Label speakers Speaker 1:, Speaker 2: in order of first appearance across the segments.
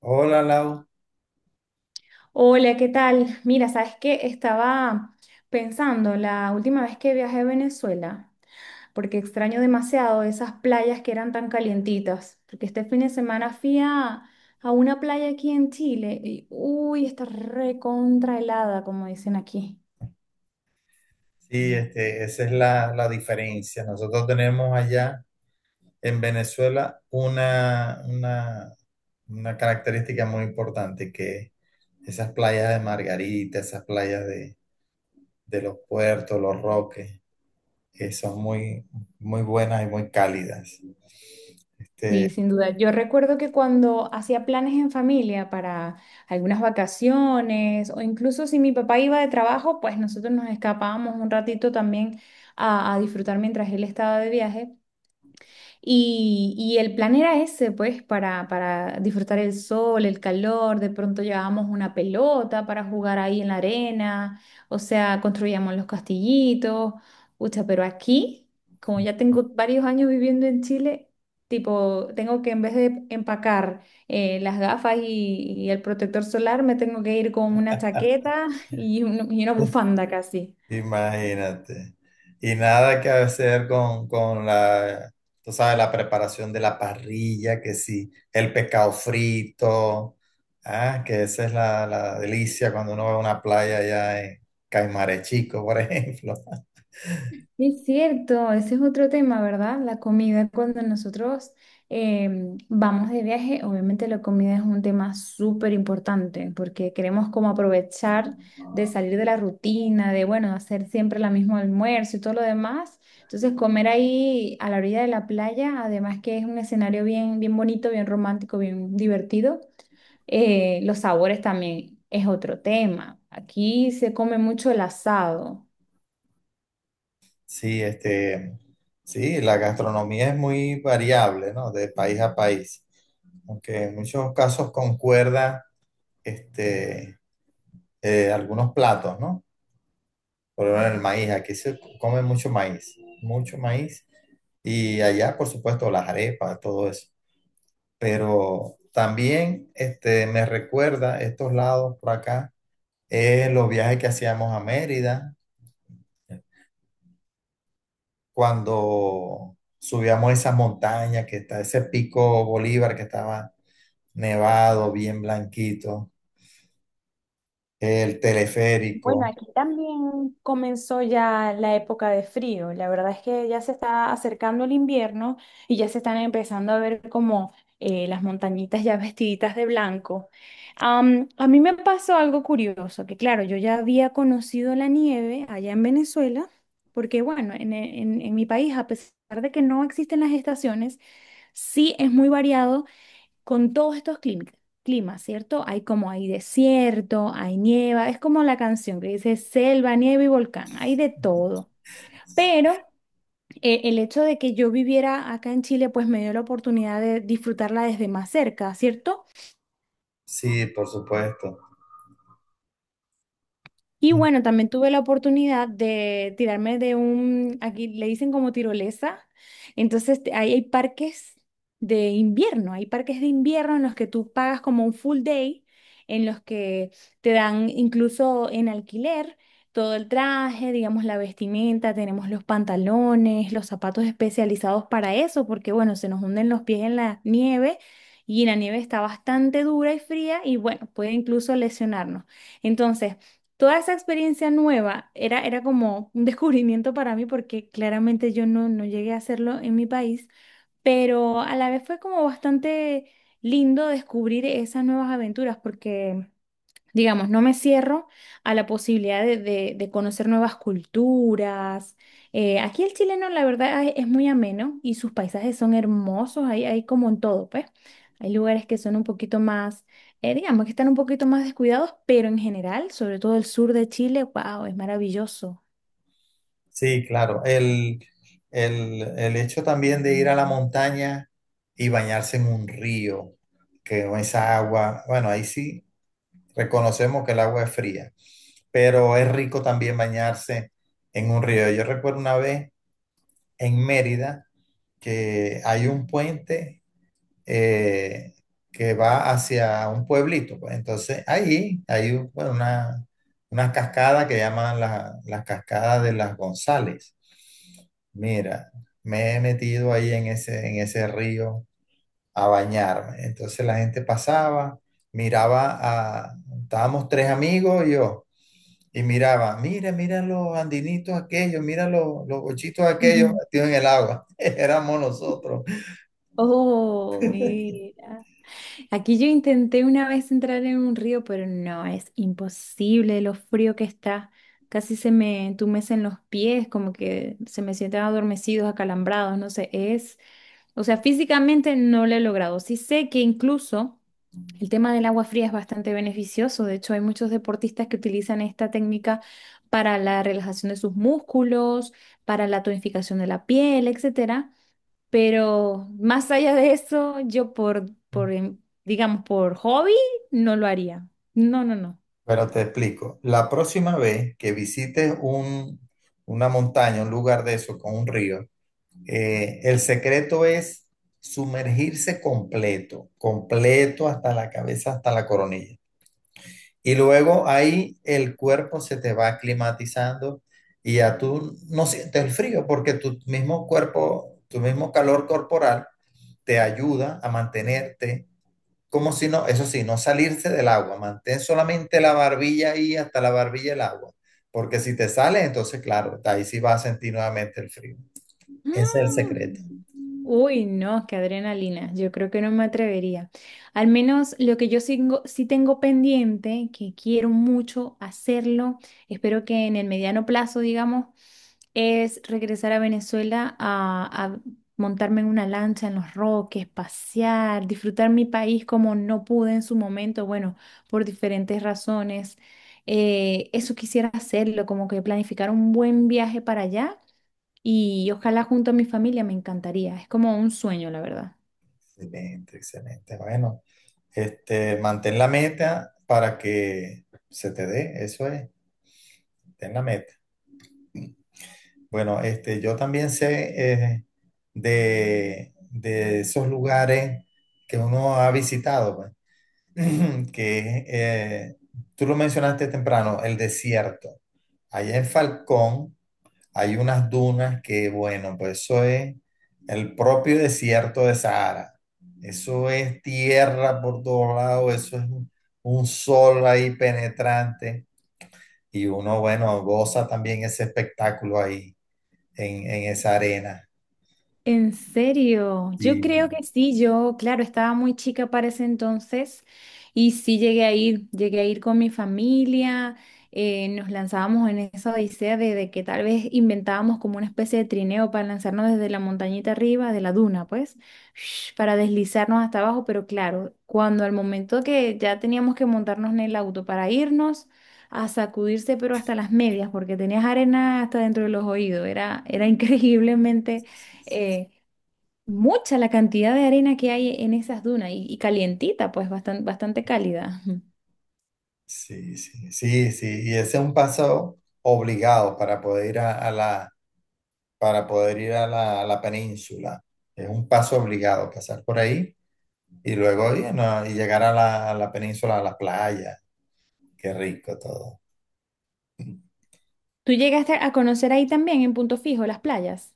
Speaker 1: Hola, Lau.
Speaker 2: Hola, ¿qué tal? Mira, sabes que estaba pensando la última vez que viajé a Venezuela, porque extraño demasiado esas playas que eran tan calientitas, porque este fin de semana fui a una playa aquí en Chile y uy, está recontra helada, como dicen aquí.
Speaker 1: Sí, esa es la diferencia. Nosotros tenemos allá en Venezuela una característica muy importante que esas playas de Margarita, esas playas de los puertos, los Roques, que son muy buenas y muy cálidas.
Speaker 2: Sí,
Speaker 1: Este,
Speaker 2: sin duda. Yo recuerdo que cuando hacía planes en familia para algunas vacaciones o incluso si mi papá iba de trabajo, pues nosotros nos escapábamos un ratito también a disfrutar mientras él estaba de viaje. Y el plan era ese, pues, para disfrutar el sol, el calor, de pronto llevábamos una pelota para jugar ahí en la arena, o sea, construíamos los castillitos, ucha, pero aquí, como ya tengo varios años viviendo en Chile, tipo, tengo que en vez de empacar las gafas y el protector solar, me tengo que ir con una chaqueta y, y una bufanda casi.
Speaker 1: Imagínate. Y nada que hacer con la, tú sabes, la preparación de la parrilla, que sí, el pescado frito, ah, que esa es la delicia cuando uno va a una playa allá en Caimares Chico, por ejemplo.
Speaker 2: Es cierto, ese es otro tema, ¿verdad? La comida, cuando nosotros vamos de viaje, obviamente la comida es un tema súper importante porque queremos como aprovechar de salir de la rutina, de, bueno, hacer siempre la mismo almuerzo y todo lo demás. Entonces, comer ahí a la orilla de la playa, además que es un escenario bien, bien bonito, bien romántico, bien divertido. Los sabores también es otro tema. Aquí se come mucho el asado.
Speaker 1: Sí, sí, la gastronomía es muy variable, ¿no? De país a país. Aunque en muchos casos concuerda, este, algunos platos, ¿no? Por lo menos el maíz, aquí se come mucho maíz, mucho maíz. Y allá, por supuesto, las arepas, todo eso. Pero también me recuerda estos lados por acá, los viajes que hacíamos a Mérida, cuando subíamos esa montaña que está, ese pico Bolívar que estaba nevado, bien blanquito, el
Speaker 2: Bueno,
Speaker 1: teleférico.
Speaker 2: aquí también comenzó ya la época de frío. La verdad es que ya se está acercando el invierno y ya se están empezando a ver como las montañitas ya vestiditas de blanco. A mí me pasó algo curioso, que claro, yo ya había conocido la nieve allá en Venezuela, porque bueno, en en mi país, a pesar de que no existen las estaciones, sí es muy variado con todos estos climas, ¿cierto? Hay como hay desierto, hay nieva, es como la canción que dice selva, nieve y volcán, hay de todo. Pero el hecho de que yo viviera acá en Chile, pues me dio la oportunidad de disfrutarla desde más cerca, ¿cierto?
Speaker 1: Sí, por supuesto.
Speaker 2: Y bueno, también tuve la oportunidad de tirarme de un, aquí le dicen como tirolesa, entonces ahí hay parques de invierno, hay parques de invierno en los que tú pagas como un full day, en los que te dan incluso en alquiler todo el traje, digamos la vestimenta, tenemos los pantalones, los zapatos especializados para eso, porque bueno, se nos hunden los pies en la nieve y la nieve está bastante dura y fría y bueno, puede incluso lesionarnos. Entonces toda esa experiencia nueva era, era como un descubrimiento para mí porque claramente yo no, no llegué a hacerlo en mi país, pero a la vez fue como bastante lindo descubrir esas nuevas aventuras porque… Digamos, no me cierro a la posibilidad de, de conocer nuevas culturas. Aquí el chileno, la verdad, es muy ameno y sus paisajes son hermosos, hay como en todo, pues. Hay lugares que son un poquito más, digamos, que están un poquito más descuidados, pero en general, sobre todo el sur de Chile, wow, es maravilloso.
Speaker 1: Sí, claro. El hecho también de ir a la montaña y bañarse en un río, que con esa agua, bueno, ahí sí reconocemos que el agua es fría, pero es rico también bañarse en un río. Yo recuerdo una vez en Mérida que hay un puente eh, que va hacia un pueblito, pues. Entonces ahí hay un- bueno, una cascada que llaman la cascada de las González. Mira, me he metido ahí en en ese río a bañarme. Entonces la gente pasaba, miraba a, estábamos tres amigos y yo, y miraba, mira, mira los andinitos aquellos, mira los bochitos aquellos
Speaker 2: Ujú.
Speaker 1: metidos en el agua. Éramos nosotros.
Speaker 2: Oh, mira. Aquí yo intenté una vez entrar en un río, pero no, es imposible lo frío que está. Casi se me entumecen los pies, como que se me sienten adormecidos, acalambrados, no sé, es, o sea, físicamente no lo he logrado. Sí sé que incluso el tema del agua fría es bastante beneficioso. De hecho, hay muchos deportistas que utilizan esta técnica para la relajación de sus músculos, para la tonificación de la piel, etcétera. Pero más allá de eso, yo por, digamos, por hobby, no lo haría. No, no, no.
Speaker 1: Pero te explico, la próxima vez que visites una montaña, un lugar de eso con un río, el secreto es sumergirse completo, completo hasta la cabeza, hasta la coronilla. Y luego ahí el cuerpo se te va aclimatizando y ya tú no sientes el frío porque tu mismo cuerpo, tu mismo calor corporal te ayuda a mantenerte como si no. Eso sí, no salirse del agua, mantén solamente la barbilla ahí hasta la barbilla del agua, porque si te sales, entonces claro, ahí sí vas a sentir nuevamente el frío. Ese es
Speaker 2: Mm.
Speaker 1: el secreto.
Speaker 2: Uy, no, qué adrenalina. Yo creo que no me atrevería. Al menos lo que yo sí tengo pendiente, que quiero mucho hacerlo, espero que en el mediano plazo, digamos, es regresar a Venezuela a montarme en una lancha en los Roques, pasear, disfrutar mi país como no pude en su momento, bueno, por diferentes razones. Eso quisiera hacerlo, como que planificar un buen viaje para allá y ojalá junto a mi familia me encantaría. Es como un sueño, la verdad.
Speaker 1: Excelente, excelente. Bueno, mantén la meta para que se te dé, eso es, ten la meta. Bueno, yo también sé de esos lugares que uno ha visitado, pues. que tú lo mencionaste temprano, el desierto. Allá en Falcón hay unas dunas que, bueno, pues eso es el propio desierto de Sahara. Eso es tierra por todos lados, eso es un sol ahí penetrante y uno, bueno, goza también ese espectáculo ahí en esa arena.
Speaker 2: En serio, yo
Speaker 1: Sí,
Speaker 2: creo que sí, yo, claro, estaba muy chica para ese entonces y sí llegué a ir con mi familia, nos lanzábamos en esa odisea de que tal vez inventábamos como una especie de trineo para lanzarnos desde la montañita arriba, de la duna, pues, para deslizarnos hasta abajo, pero claro, cuando al momento que ya teníamos que montarnos en el auto para irnos a sacudirse, pero hasta las medias, porque tenías arena hasta dentro de los oídos, era, era increíblemente… eh, mucha la cantidad de arena que hay en esas dunas y calientita, pues bastante, bastante cálida. Ujú.
Speaker 1: sí, sí, sí, sí. Y ese es un paso obligado para poder ir a la, para poder ir a a la península. Es un paso obligado, pasar por ahí y luego y, no, y llegar a a la península, a la playa. Qué rico todo.
Speaker 2: ¿Tú llegaste a conocer ahí también en Punto Fijo las playas?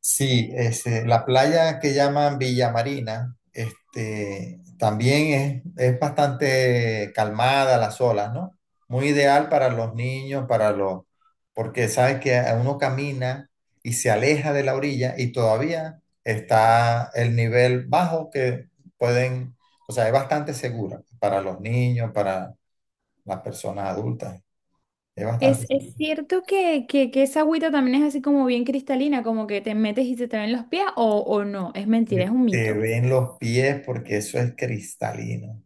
Speaker 1: Sí, la playa que llaman Villa Marina, este, también es bastante calmada las olas, ¿no? Muy ideal para los niños, para los, porque sabes que uno camina y se aleja de la orilla y todavía está el nivel bajo que pueden, o sea, es bastante segura para los niños, para las personas adultas, es bastante segura.
Speaker 2: Es cierto que esa agüita también es así como bien cristalina, como que te metes y se te ven los pies o no, es mentira, es
Speaker 1: Te
Speaker 2: un
Speaker 1: te
Speaker 2: mito.
Speaker 1: ven los pies porque eso es cristalino.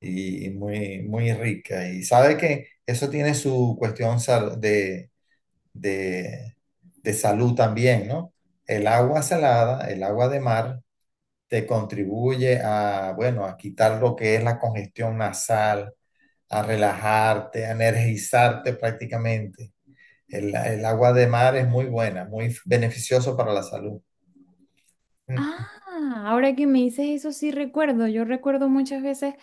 Speaker 1: Y muy, muy rica. Y sabe que eso tiene su cuestión sal- de, de salud también, ¿no? El agua salada, el agua de mar, te contribuye a, bueno, a quitar lo que es la congestión nasal, a relajarte, a energizarte prácticamente. El agua de mar es muy buena, muy beneficioso para la salud. Mm.
Speaker 2: Ah, ahora que me dices eso sí recuerdo. Yo recuerdo muchas veces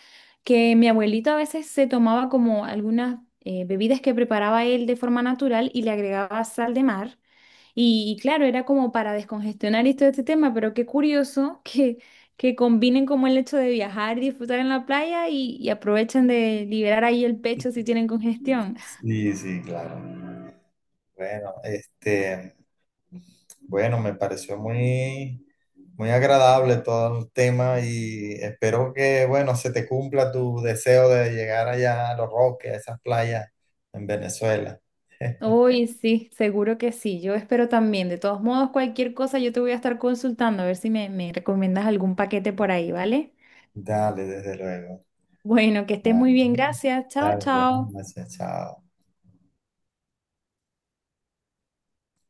Speaker 2: que mi abuelito a veces se tomaba como algunas bebidas que preparaba él de forma natural y le agregaba sal de mar. Y claro, era como para descongestionar y todo este tema, pero qué curioso que combinen como el hecho de viajar y disfrutar en la playa y aprovechen de liberar ahí el pecho si tienen congestión.
Speaker 1: Sí, sí, claro. Bueno, este... Bueno, me pareció muy, muy agradable todo el tema y espero que, bueno, se te cumpla tu deseo de llegar allá a Los Roques, a esas playas en Venezuela.
Speaker 2: Uy, sí, seguro que sí. Yo espero también. De todos modos, cualquier cosa yo te voy a estar consultando a ver si me, me recomiendas algún paquete por ahí, ¿vale?
Speaker 1: Dale, desde luego.
Speaker 2: Bueno, que estés
Speaker 1: Ah,
Speaker 2: muy bien. Gracias. Chao,
Speaker 1: dale, bueno,
Speaker 2: chao.
Speaker 1: gracias, chao.